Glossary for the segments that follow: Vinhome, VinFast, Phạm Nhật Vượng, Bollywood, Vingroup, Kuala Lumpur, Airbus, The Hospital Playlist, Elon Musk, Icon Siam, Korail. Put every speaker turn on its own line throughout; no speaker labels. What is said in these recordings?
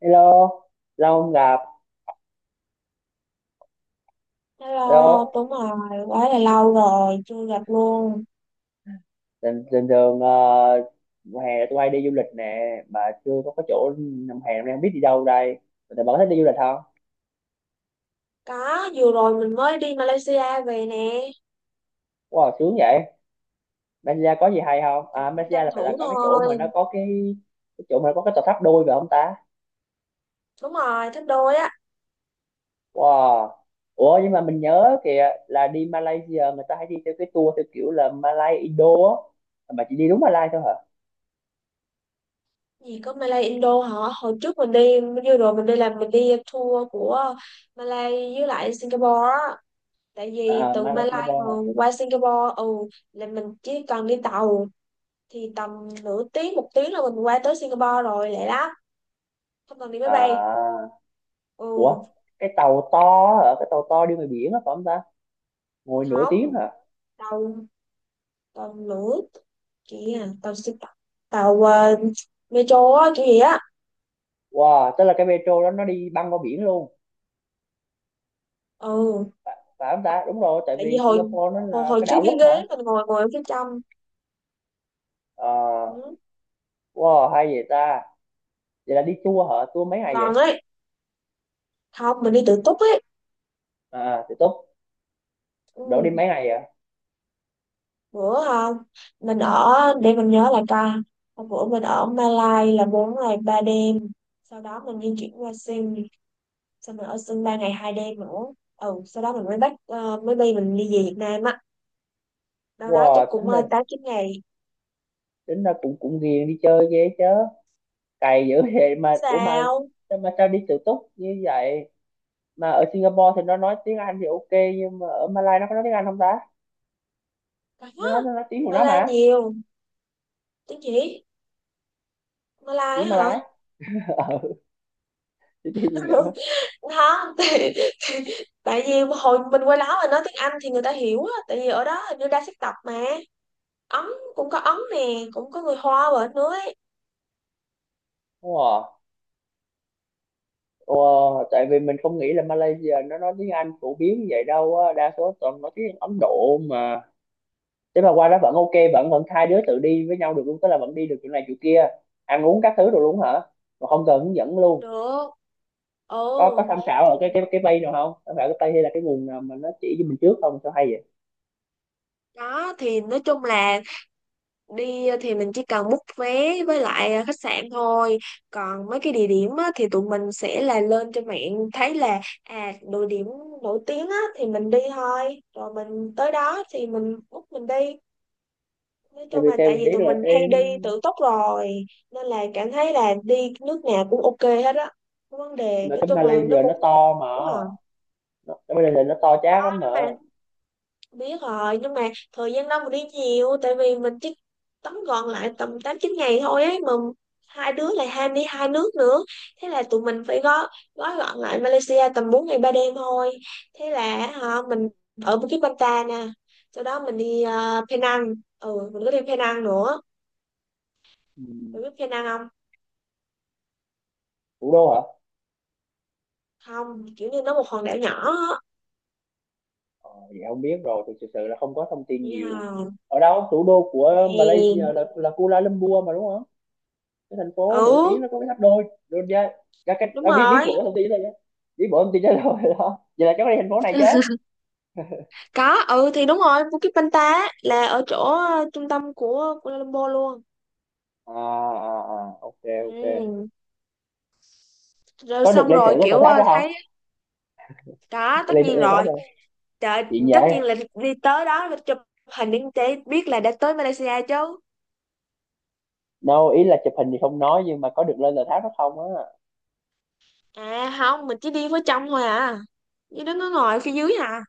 Hello, lâu không gặp. Hello,
Hello, đúng rồi, quá là lâu rồi, chưa gặp luôn.
bình thường mùa hè là tụi bay đi du lịch nè, mà chưa có cái chỗ năm hè năm nay không biết đi đâu đây. Tụi bạn có thích đi du lịch không?
Có, vừa rồi mình mới đi Malaysia về nè,
Wow, sướng vậy. Malaysia có gì hay không?
thì
À,
cũng
Malaysia
tranh
là phải là
thủ
có cái chỗ mà
thôi.
nó có cái chỗ mà nó có cái tòa tháp đôi phải không ta?
Đúng rồi, thích đôi á.
Wow. Ủa nhưng mà mình nhớ kìa là đi Malaysia người ta hay đi theo cái tour theo kiểu là Malay Indo á. Mà chị đi đúng Malay thôi hả?
Gì có Malay Indo hả? Hồi trước mình đi, vừa rồi mình đi làm mình đi tour của Malay với lại Singapore á. Tại vì
À,
từ
Malay
Malay mà
Singapore hả?
qua Singapore, ừ, là mình chỉ cần đi tàu thì tầm nửa tiếng, một tiếng là mình qua tới Singapore rồi, lẹ lắm. Không cần đi máy bay.
À, ủa,
Ừ,
cái tàu to hả, cái tàu to đi ngoài biển á phải không ta, ngồi nửa tiếng
không.
hả?
Tàu, tàu lửa kìa, tàu xe, tàu metro á kiểu gì á.
Wow, tức là cái metro đó nó đi băng qua biển luôn
Ừ,
phải không ta? Đúng rồi, tại
tại vì
vì
hồi
Singapore nó
hồi,
là
hồi
cái
trước
đảo
cái
quốc
ghế
mà.
mình ngồi ngồi ở phía trong.
Ờ,
Ừ,
wow hay vậy ta. Vậy là đi tour hả, tour mấy ngày
gần
vậy?
ấy, không, mình đi tự túc ấy.
À thì tốt. Đổ đi
Ừ,
mấy ngày vậy?
bữa không, mình ở, để mình nhớ lại coi. Hôm bữa mình ở Malai là 4 ngày 3 đêm, sau đó mình di chuyển qua Sing, xong mình ở Sing 3 ngày 2 đêm nữa. Ừ, sau đó mình mới bay mình đi về Việt Nam á, đâu đó chắc
Wow,
cũng
tính là
8 9 ngày.
tính là cũng cũng ghiền đi chơi ghê chứ, cày dữ vậy mà. Ủa
Sao?
mà sao đi tự túc như vậy, mà ở Singapore thì nó nói tiếng Anh thì ok, nhưng mà ở Malaysia nó có nói tiếng Anh không ta? Nó nói tiếng của nó
Mala
mà.
nhiều tiếng chỉ, Mala ấy
Tiếng
hả?
Malay ờ chứ gì nữa.
Không, thì, tại vì hồi mình qua đó mà nói tiếng Anh thì người ta hiểu á, tại vì ở đó hình như đa sắc tộc mà. Ấn, cũng có Ấn nè, cũng có người Hoa ở nữa ấy.
Đúng rồi. Ủa, tại vì mình không nghĩ là Malaysia nó nói tiếng Anh phổ biến như vậy đâu á, đa số toàn nói tiếng Ấn Độ mà. Thế mà qua đó vẫn ok, vẫn vẫn hai đứa tự đi với nhau được luôn, tức là vẫn đi được chỗ này chỗ kia, ăn uống các thứ rồi luôn hả, mà không cần hướng dẫn luôn?
Được.
Có
Ồ,
tham khảo ở
thì
cái bay nào không, tham khảo cái bay hay là cái nguồn nào mà nó chỉ cho mình trước không, sao hay vậy?
đó, thì nói chung là đi thì mình chỉ cần book vé với lại khách sạn thôi, còn mấy cái địa điểm á, thì tụi mình sẽ là lên trên mạng thấy là à, địa điểm nổi tiếng á, thì mình đi thôi, rồi mình tới đó thì mình book mình đi. Nói
Tại
chung
vì
là
theo
tại
mình
vì
biết
tụi
là
mình hay
cái
đi tự túc rồi nên là cảm thấy là đi nước nào cũng ok hết á. Không vấn đề,
mà
nói
cái
chung là nó
Malaysia
cũng
nó to mà,
hiểu à.
nó, cái Malaysia nó to chát lắm mà.
Biết rồi, nhưng mà thời gian đâu mà đi nhiều, tại vì mình chỉ tóm gọn lại tầm 8 9 ngày thôi ấy mà, hai đứa lại ham đi hai nước nữa, thế là tụi mình phải gói gói gọn lại Malaysia tầm 4 ngày 3 đêm thôi. Thế là họ mình ở Bukit Bintang nè, sau đó mình đi Penang, ừ, mình có đi Penang nữa.
Ừ.
Mình biết Penang không?
Thủ đô hả?
Không, kiểu như nó một hòn đảo nhỏ á.
Ờ, vậy không biết rồi, thực sự sự là không có thông tin
Vậy hả?
nhiều. Ở đâu, thủ đô của
Yeah.
Malaysia là Kuala Lumpur mà đúng không? Cái thành phố nổi tiếng
Ừ,
nó có cái tháp đôi. Đôi ra, ra cái
đúng
à, biết biết
rồi.
bộ thông tin thôi nhé. Biết bộ thông tin đó rồi đó. Vậy là cháu có đi thành phố này chứ?
Có, ừ, thì đúng rồi, Bukit Banta á, là ở chỗ trung tâm của Kuala Lumpur luôn.
À, à, à, ok, ok.
Ừ, rồi
Có được
xong
lên thử
rồi
cái tòa
kiểu
tháp đó
thấy.
không?
Đó, tất
Lên thử
nhiên
tòa tháp
rồi.
không?
Trời,
Chuyện
tất
vậy.
nhiên là đi tới đó phải chụp hình để biết là đã tới Malaysia chứ.
Đâu, ý là chụp hình thì không nói nhưng mà có được lên tòa tháp đó không á?
À không, mình chỉ đi với trong thôi à, như đó nó ngồi phía dưới à.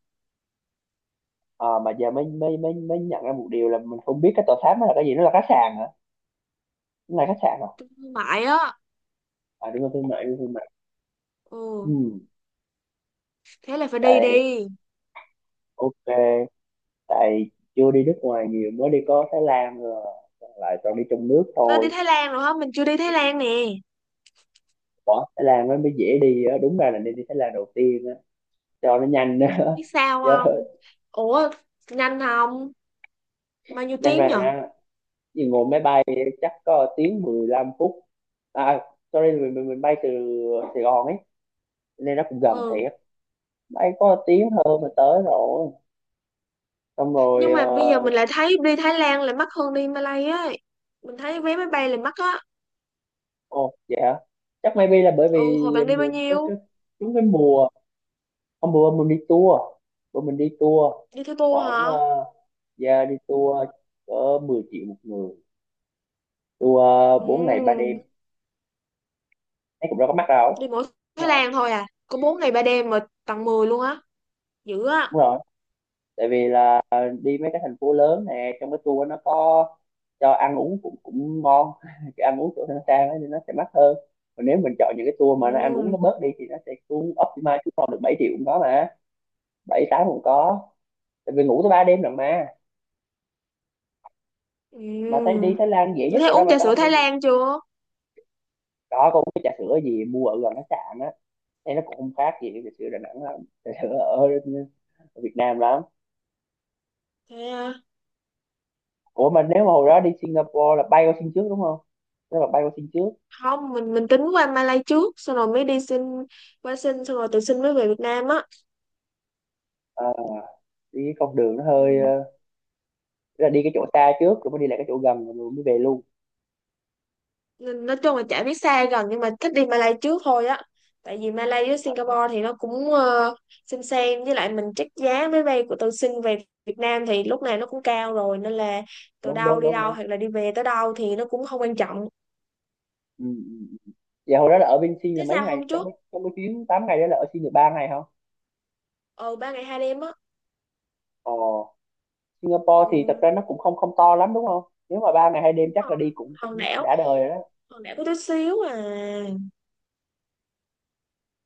À, mà giờ mới mới mới mới nhận ra một điều là mình không biết cái tòa tháp đó là cái gì, nó là khách sạn hả? Nó là khách sạn hả?
Trung thương mại á.
À đúng rồi, thương mại, đúng rồi, thương mại.
Ừ,
Ừ.
thế là phải đi
Tại
đi.
ok, tại chưa đi nước ngoài nhiều, mới đi có Thái Lan rồi, còn lại toàn đi trong nước
Nó đi
thôi.
Thái Lan rồi hả? Mình chưa đi Thái Lan nè.
Bỏ Thái Lan nó mới dễ đi á, đúng ra là nên đi Thái Lan đầu tiên á, cho nó nhanh á.
Biết sao
Chứ
không? Ủa, nhanh không? Bao nhiêu
nhanh mà
tiếng nhở?
á, vì ngồi máy bay chắc có tiếng 15 phút. À sorry, mình bay từ Sài Gòn ấy, nên nó cũng gần
Ừ,
thiệt, bay có tiếng hơn mà tới rồi, xong rồi
nhưng mà bây giờ mình lại thấy đi Thái Lan lại mắc hơn đi Malay ấy, mình thấy vé máy bay lại mắc á.
ồ vậy hả. Chắc maybe là bởi
Ừ,
vì
hồi bạn đi bao
mùa
nhiêu?
cái đúng cái mùa. Hôm bữa mình đi tour
Đi theo tour
khoảng
hả?
ra đi tour cỡ 10 triệu một người tour, 4 ngày ba
Ừ,
đêm thấy cũng đâu có mắc đâu.
đi mỗi Thái
Đúng không?
Lan thôi à có 4 ngày 3 đêm mà tặng 10 luôn á, dữ á.
Đúng rồi, tại vì là đi mấy cái thành phố lớn nè, trong cái tour nó có cho ăn uống cũng cũng ngon, cái ăn uống chỗ nó sang ấy, nên nó sẽ mắc hơn. Còn nếu mình chọn những cái tour mà nó ăn uống nó
Ừ,
bớt đi thì nó sẽ xuống optimize xuống còn được 7 triệu cũng có mà, bảy tám cũng có, tại vì ngủ tới 3 đêm lần mà. Mà thấy
ừ.
đi Thái Lan dễ
Như
nhất
thế,
rồi đó,
uống
mà
trà
sao
sữa
không
Thái
đi.
Lan chưa?
Đó có uống cái trà sữa gì mua ở gần khách sạn á, thế nó cũng không khác gì trà sữa Đà Nẵng lắm, trà sữa ở Việt Nam lắm.
Thế à?
Ủa mà nếu mà hồi đó đi Singapore là bay qua Sing trước đúng không, nếu mà bay qua Sing trước
Không, mình tính qua Malay trước, xong rồi mới đi xin, qua xin xong rồi tự xin mới về Việt Nam á.
ờ, đi cái con đường nó hơi
Ừ.
tức là đi cái chỗ xa trước rồi mới đi lại cái chỗ gần rồi mới về luôn.
Nên nói chung là chả biết xa gần nhưng mà thích đi Malay trước thôi á, tại vì Malay với Singapore thì nó cũng xem, với lại mình check giá máy bay của tôi xin về Việt Nam thì lúc này nó cũng cao rồi, nên là từ
Đúng
đâu
đúng
đi
đúng
đâu
đúng.
hoặc là đi về tới đâu thì nó cũng không quan trọng.
Ừ. Ừ, ừ. Vậy hồi đó là ở bên Sing là
Thế
mấy
sao
ngày,
hôm
trong
trước?
cái chuyến 8 ngày đó là ở Sing được 3 ngày không?
Ờ 3 ngày 2 đêm á.
Ồ, Singapore thì thật
Ừ,
ra nó cũng không không to lắm đúng không? Nếu mà 3 ngày 2 đêm
đúng
chắc
rồi.
là đi cũng cũng
Hòn đảo,
đã đời rồi đó.
hòn đảo có tí xíu à.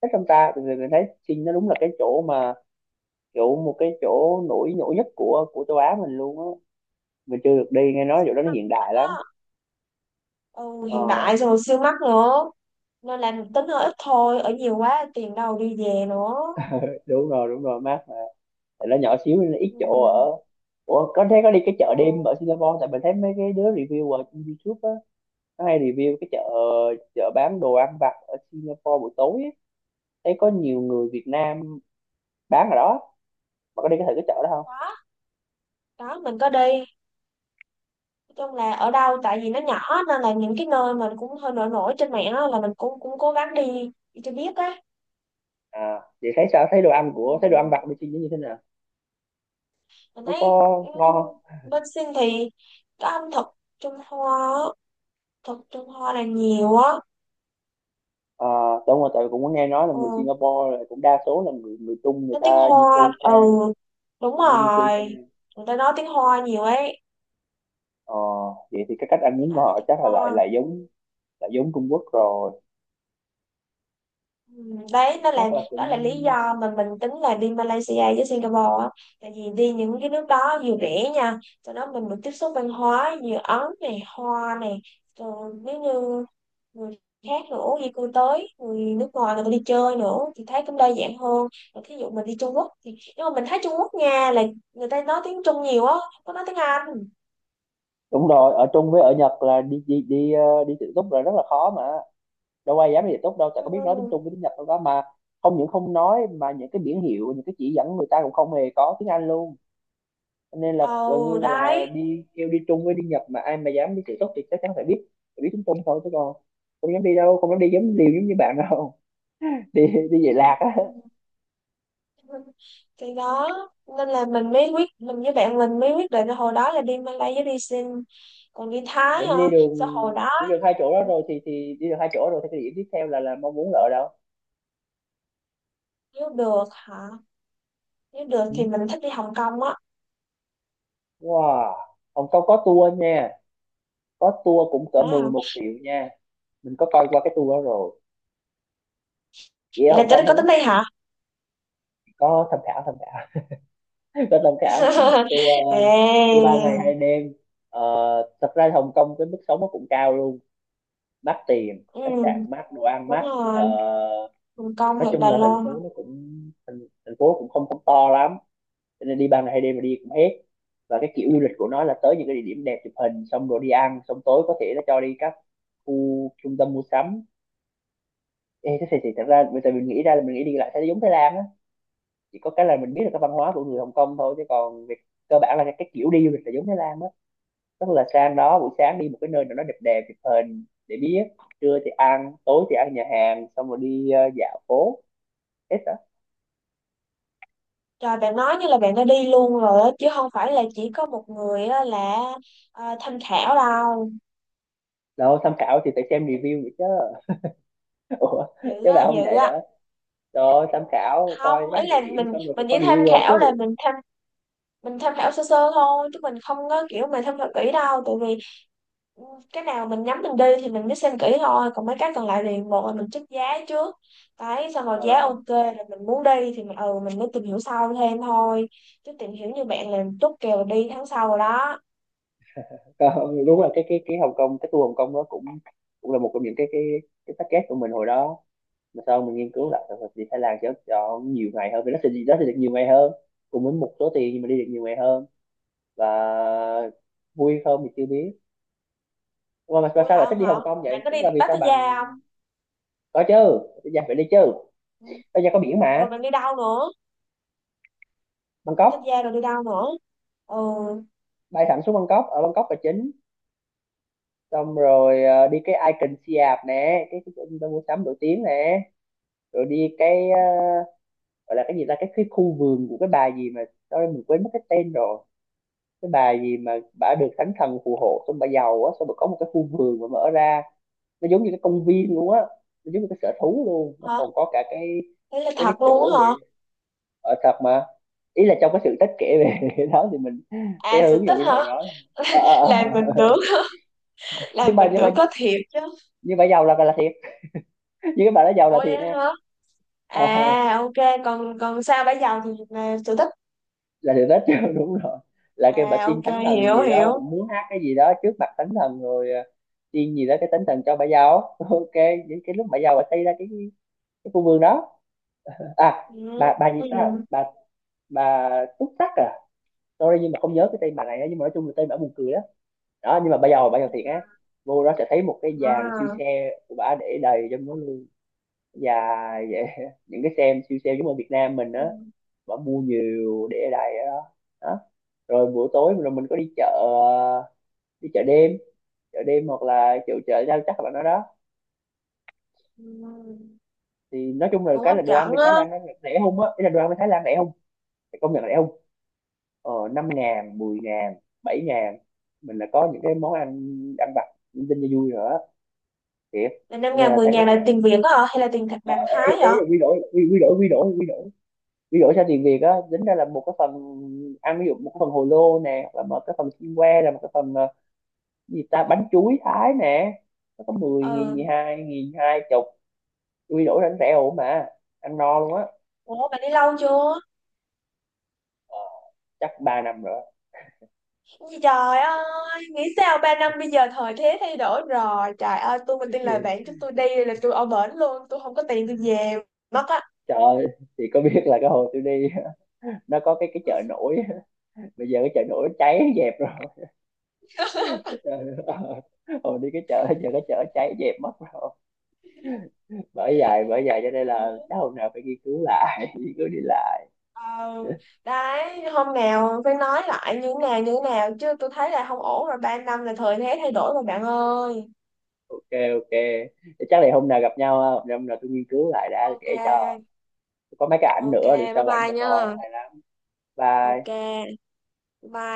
Thích trong ta? Thì mình thấy Trinh nó đúng là cái chỗ mà, kiểu một cái chỗ nổi nổi nhất của châu Á mình luôn á. Mình chưa được đi, nghe nói
Siêu
chỗ đó nó
mắc
hiện
á.
đại lắm.
Ừ,
Ờ,
hiện đại xong rồi siêu mắc nữa, nên là tính hơi ít thôi, ở nhiều quá tiền đâu đi về nữa.
đúng rồi, mát mà. Tại nó nhỏ xíu nên nó ít chỗ
Ừ.
ở. Ủa, có thế có đi cái chợ đêm ở
Ừ.
Singapore? Tại mình thấy mấy cái đứa review ở trên YouTube á, nó hay review cái chợ chợ bán đồ ăn vặt ở Singapore buổi tối ấy. Thấy có nhiều người Việt Nam bán ở đó, mà có đi cái thử cái chợ đó không?
Đó, đó mình có đi, nói chung là ở đâu tại vì nó nhỏ nên là những cái nơi mà cũng hơi nổi nổi trên mạng á, là mình cũng cũng cố gắng đi đi cho biết á.
À vậy thấy sao, thấy đồ ăn
Ừ.
của, thấy đồ ăn vặt bên Sing nó như thế nào,
Mình
nó
thấy
có ngon?
bên Sinh thì có ẩm thực Trung Hoa á, thực Trung Hoa là nhiều á.
À, đúng rồi, tại vì cũng có nghe nói là người
Ừ,
Singapore là cũng đa số là người người Trung, người
nói tiếng
ta di
Hoa.
cư
Ừ,
sang,
đúng
người ta di cư
rồi,
sang.
người ta nói tiếng Hoa nhiều ấy,
Ờ, vậy thì cái cách ăn
tiếng
uống của
Anh, nói
họ
tiếng
chắc là lại
Hoa.
lại giống Trung Quốc rồi.
Ừ, đấy
Thì
nó là,
chắc là
đó là lý
cũng
do mà mình tính là đi Malaysia với Singapore á, tại vì đi những cái nước đó vừa rẻ nha, cho đó mình được tiếp xúc văn hóa như Ấn này, Hoa này, rồi nếu như người khác nữa di cư tới, người nước ngoài người ta đi chơi nữa thì thấy cũng đa dạng hơn. Rồi thí dụ mình đi Trung Quốc thì, nhưng mà mình thấy Trung Quốc nha là người ta nói tiếng Trung nhiều á, không có nói tiếng Anh.
đúng rồi, ở Trung với ở Nhật là đi đi đi ờ, đi tự túc là rất là khó mà. Đâu ai dám đi tự túc đâu, tại có biết nói tiếng
Ừ.
Trung với tiếng Nhật đâu đó mà, không những không nói mà những cái biển hiệu, những cái chỉ dẫn người ta cũng không hề có tiếng Anh luôn. Nên là gần
Ồ,
như là
đấy.
đi, kêu đi Trung với đi Nhật mà ai mà dám đi tự túc thì chắc chắn phải biết tiếng Trung thôi, chứ còn không dám đi đâu, không dám đi giống liều giống như bạn đâu. Đi đi về lạc á.
Ừ, thì đó, nên là mình với bạn mình mới quyết định là hồi đó là đi Malay với đi Sin, còn đi Thái
Vậy
hả,
đi đường,
sao hồi đó.
đi được hai chỗ đó rồi thì đi được hai chỗ rồi thì cái điểm tiếp theo là mong muốn là ở đâu?
Nếu được hả? Nếu được
Ừ.
thì mình thích đi Hồng Kông á.
Wow. Hồng Kông có tour nha, có tour cũng cỡ
Nói hả?
11 triệu nha, mình có coi qua cái tour đó rồi, chỉ ở
Vậy là
Hồng Kông
tới có
thôi
tính
nhé.
đi hả?
Có tham khảo, tôi thông cảm. Tôi ờ, tôi
Ê,
3 ngày 2 đêm. Ờ, thật ra Hồng Kông cái mức sống nó cũng cao luôn, mắc tiền, khách
ừ,
sạn mắc, đồ ăn
đúng
mắc. Ờ,
rồi. Hồng Kông
nói
hoặc
chung
Đài
là thành
Loan.
phố nó cũng thành, thành phố cũng không không to lắm, cho nên đi 3 ngày 2 đêm mà đi cũng hết. Và cái kiểu du lịch của nó là tới những cái địa điểm đẹp chụp hình xong rồi đi ăn, xong tối có thể nó cho đi các khu trung tâm mua sắm. Ê, thế thì thật ra bây giờ mình nghĩ ra là mình nghĩ đi lại sẽ giống Thái Lan á, chỉ có cái là mình biết là cái văn hóa của người Hồng Kông thôi, chứ còn việc cơ bản là cái kiểu đi du lịch là giống Thái Lan đó. Tức là sang đó buổi sáng đi một cái nơi nào đó đẹp đẹp chụp hình để biết, trưa thì ăn, tối thì ăn nhà hàng xong rồi đi dạo phố, hết á.
Trời, bạn nói như là bạn đã đi luôn rồi á, chứ không phải là chỉ có một người á là tham khảo đâu,
Đâu tham khảo thì phải xem review vậy chứ. Ủa,
dữ
chứ
á,
bà không
dữ
vậy hả?
á.
Rồi tham khảo coi
Không,
các
ý là
địa điểm
mình
xong rồi phải
mình
có
chỉ tham
reviewer
khảo, là
chứ.
mình tham khảo sơ sơ thôi chứ mình không có kiểu mà tham khảo kỹ đâu, tại vì ừ, cái nào mình nhắm mình đi thì mình mới xem kỹ thôi, còn mấy cái còn lại thì một là mình check giá trước, đấy xong rồi
Ờ,
giá ok rồi mình muốn đi thì mình mới tìm hiểu sau thêm thôi, chứ tìm hiểu như bạn là chốt kèo đi tháng sau rồi đó.
còn, đúng là cái Hồng Kông, cái tour Hồng Kông đó cũng cũng là một trong những cái cái package của mình hồi đó, mà sau mình nghiên cứu lại thì sự đi Thái Lan cho nhiều ngày hơn, vì nó sẽ được nhiều ngày hơn cùng với một số tiền, nhưng mà đi được nhiều ngày hơn, và vui không thì chưa biết. Mà
Vui
sao
hả,
lại thích
không
đi
hả?
Hồng Kông
Bạn
vậy,
có
tức
đi
là vì sao bạn.
Pattaya không?
Có chứ. Bây giờ phải đi chứ.
Ừ.
Bây giờ có biển mà.
Rồi bạn đi đâu nữa?
Bangkok.
Pattaya rồi đi đâu nữa? Ừ.
Bay thẳng xuống Bangkok, ở Bangkok là chính. Xong rồi đi cái Icon Siam nè, cái chỗ trung tâm mua sắm nổi tiếng nè. Rồi đi gọi là cái gì ta, cái khu vườn của cái bà gì mà, đó mình quên mất cái tên rồi. Cái bà gì mà bà được thánh thần phù hộ, xong bà giàu á, xong bà có một cái khu vườn mà mở ra nó giống như cái công viên luôn á, nó giống như cái sở thú luôn, nó
Hả?
còn có cả cái
Đấy là
cái
thật
cái
luôn
chỗ
á
để
hả?
ở thật mà. Ý là trong cái sự tích kể về cái đó thì mình cái
À, sự
hướng dụ
tích
như hồi
hả?
đó. Ờ,
Làm
ờ,
mình
ờ.
tưởng.
nhưng
Làm
mà
mình
nhưng mà
tưởng có thiệt chứ.
nhưng mà giàu là thiệt. Nhưng cái bà đó giàu
Ủa
là thiệt
vậy
nha.
hả?
Ờ, ờ,
À ok, còn còn sao bây giờ thì là sở thích.
là sự tích đúng rồi. Là cái bà
À
tiên
ok,
thánh thần
hiểu
gì đó
hiểu.
cũng muốn hát cái gì đó trước mặt thánh thần rồi, tiên gì đó cái thánh thần cho bà giàu. Ok, những cái lúc bà giàu bà xây ra cái khu vườn đó. À,
Ừ.
bà gì ta,
Ừ.
bà túc tắc à. Sorry nhưng mà không nhớ cái tên bà này á, nhưng mà nói chung là tên bà buồn cười đó. Đó nhưng mà bây giờ thiệt á, vô đó sẽ thấy một cái dàn siêu
À.
xe của bà để đầy trong đó luôn, dài vậy. Những cái xe siêu xe giống ở Việt Nam mình á,
Ừ.
bà mua nhiều để đầy ở đó. Đó rồi buổi tối rồi mình có đi chợ, đi chợ đêm. Chợ đêm hoặc là chợ chợ rau chắc là nó đó.
Ừ.
Thì nói chung là
Cũng
cái
hấp
là đồ ăn
dẫn
bên
á.
Thái Lan nó rẻ không á, ý là đồ ăn bên Thái Lan rẻ không. Phải công nhận rẻ không. 5 ngàn, 10.000, 7.000, mình là có những cái món ăn ăn vặt linh tinh cho vui nữa, thiệt.
Là năm
Cho nên
ngàn,
là
mười
thấy rất
ngàn
là
là tiền Việt á hả? Hay là tiền thật
ờ,
bạc Thái
ấy
vậy?
là quy đổi quy đổi sang tiền Việt á, tính ra là một cái phần ăn, ví dụ một cái phần hồ lô nè hoặc là một cái phần xiên que là một cái phần, cái gì ta, bánh chuối Thái nè, nó có 10.000, mười
Ừ.
hai nghìn 20. Quy đổi đánh rẻ ổn mà, ăn no luôn á.
Ủa bạn đi lâu chưa?
Ờ, chắc 3 năm rồi.
Ôi Trời ơi, nghĩ sao 3 năm bây giờ thời thế thay đổi rồi. Trời ơi, tôi mà tin
Thì,
lời bạn chúng tôi đi là tôi ở bển luôn. Tôi không có tiền tôi về mất á.
trời ơi, thì có biết là cái hồi tôi đi, nó có cái chợ nổi, bây giờ cái chợ nổi cháy dẹp rồi. Hồi đi cái chợ, giờ cái chợ cháy dẹp mất rồi. Bởi vậy cho nên là chắc
Ừ.
hôm nào phải nghiên cứu lại. Nghiên cứu đi lại.
Ờ, đấy hôm nào phải nói lại như nào chứ tôi thấy là không ổn rồi, 3 năm là thời thế thay đổi rồi bạn ơi.
Ok, ok. Chắc là hôm nào gặp nhau ha, hôm nào tôi nghiên cứu lại đã
Ok,
kể cho, có mấy cái ảnh
ok.
nữa để
Bye
sau ảnh
bye
cho
nha.
coi hay lắm.
Ok.
Bye.
Bye.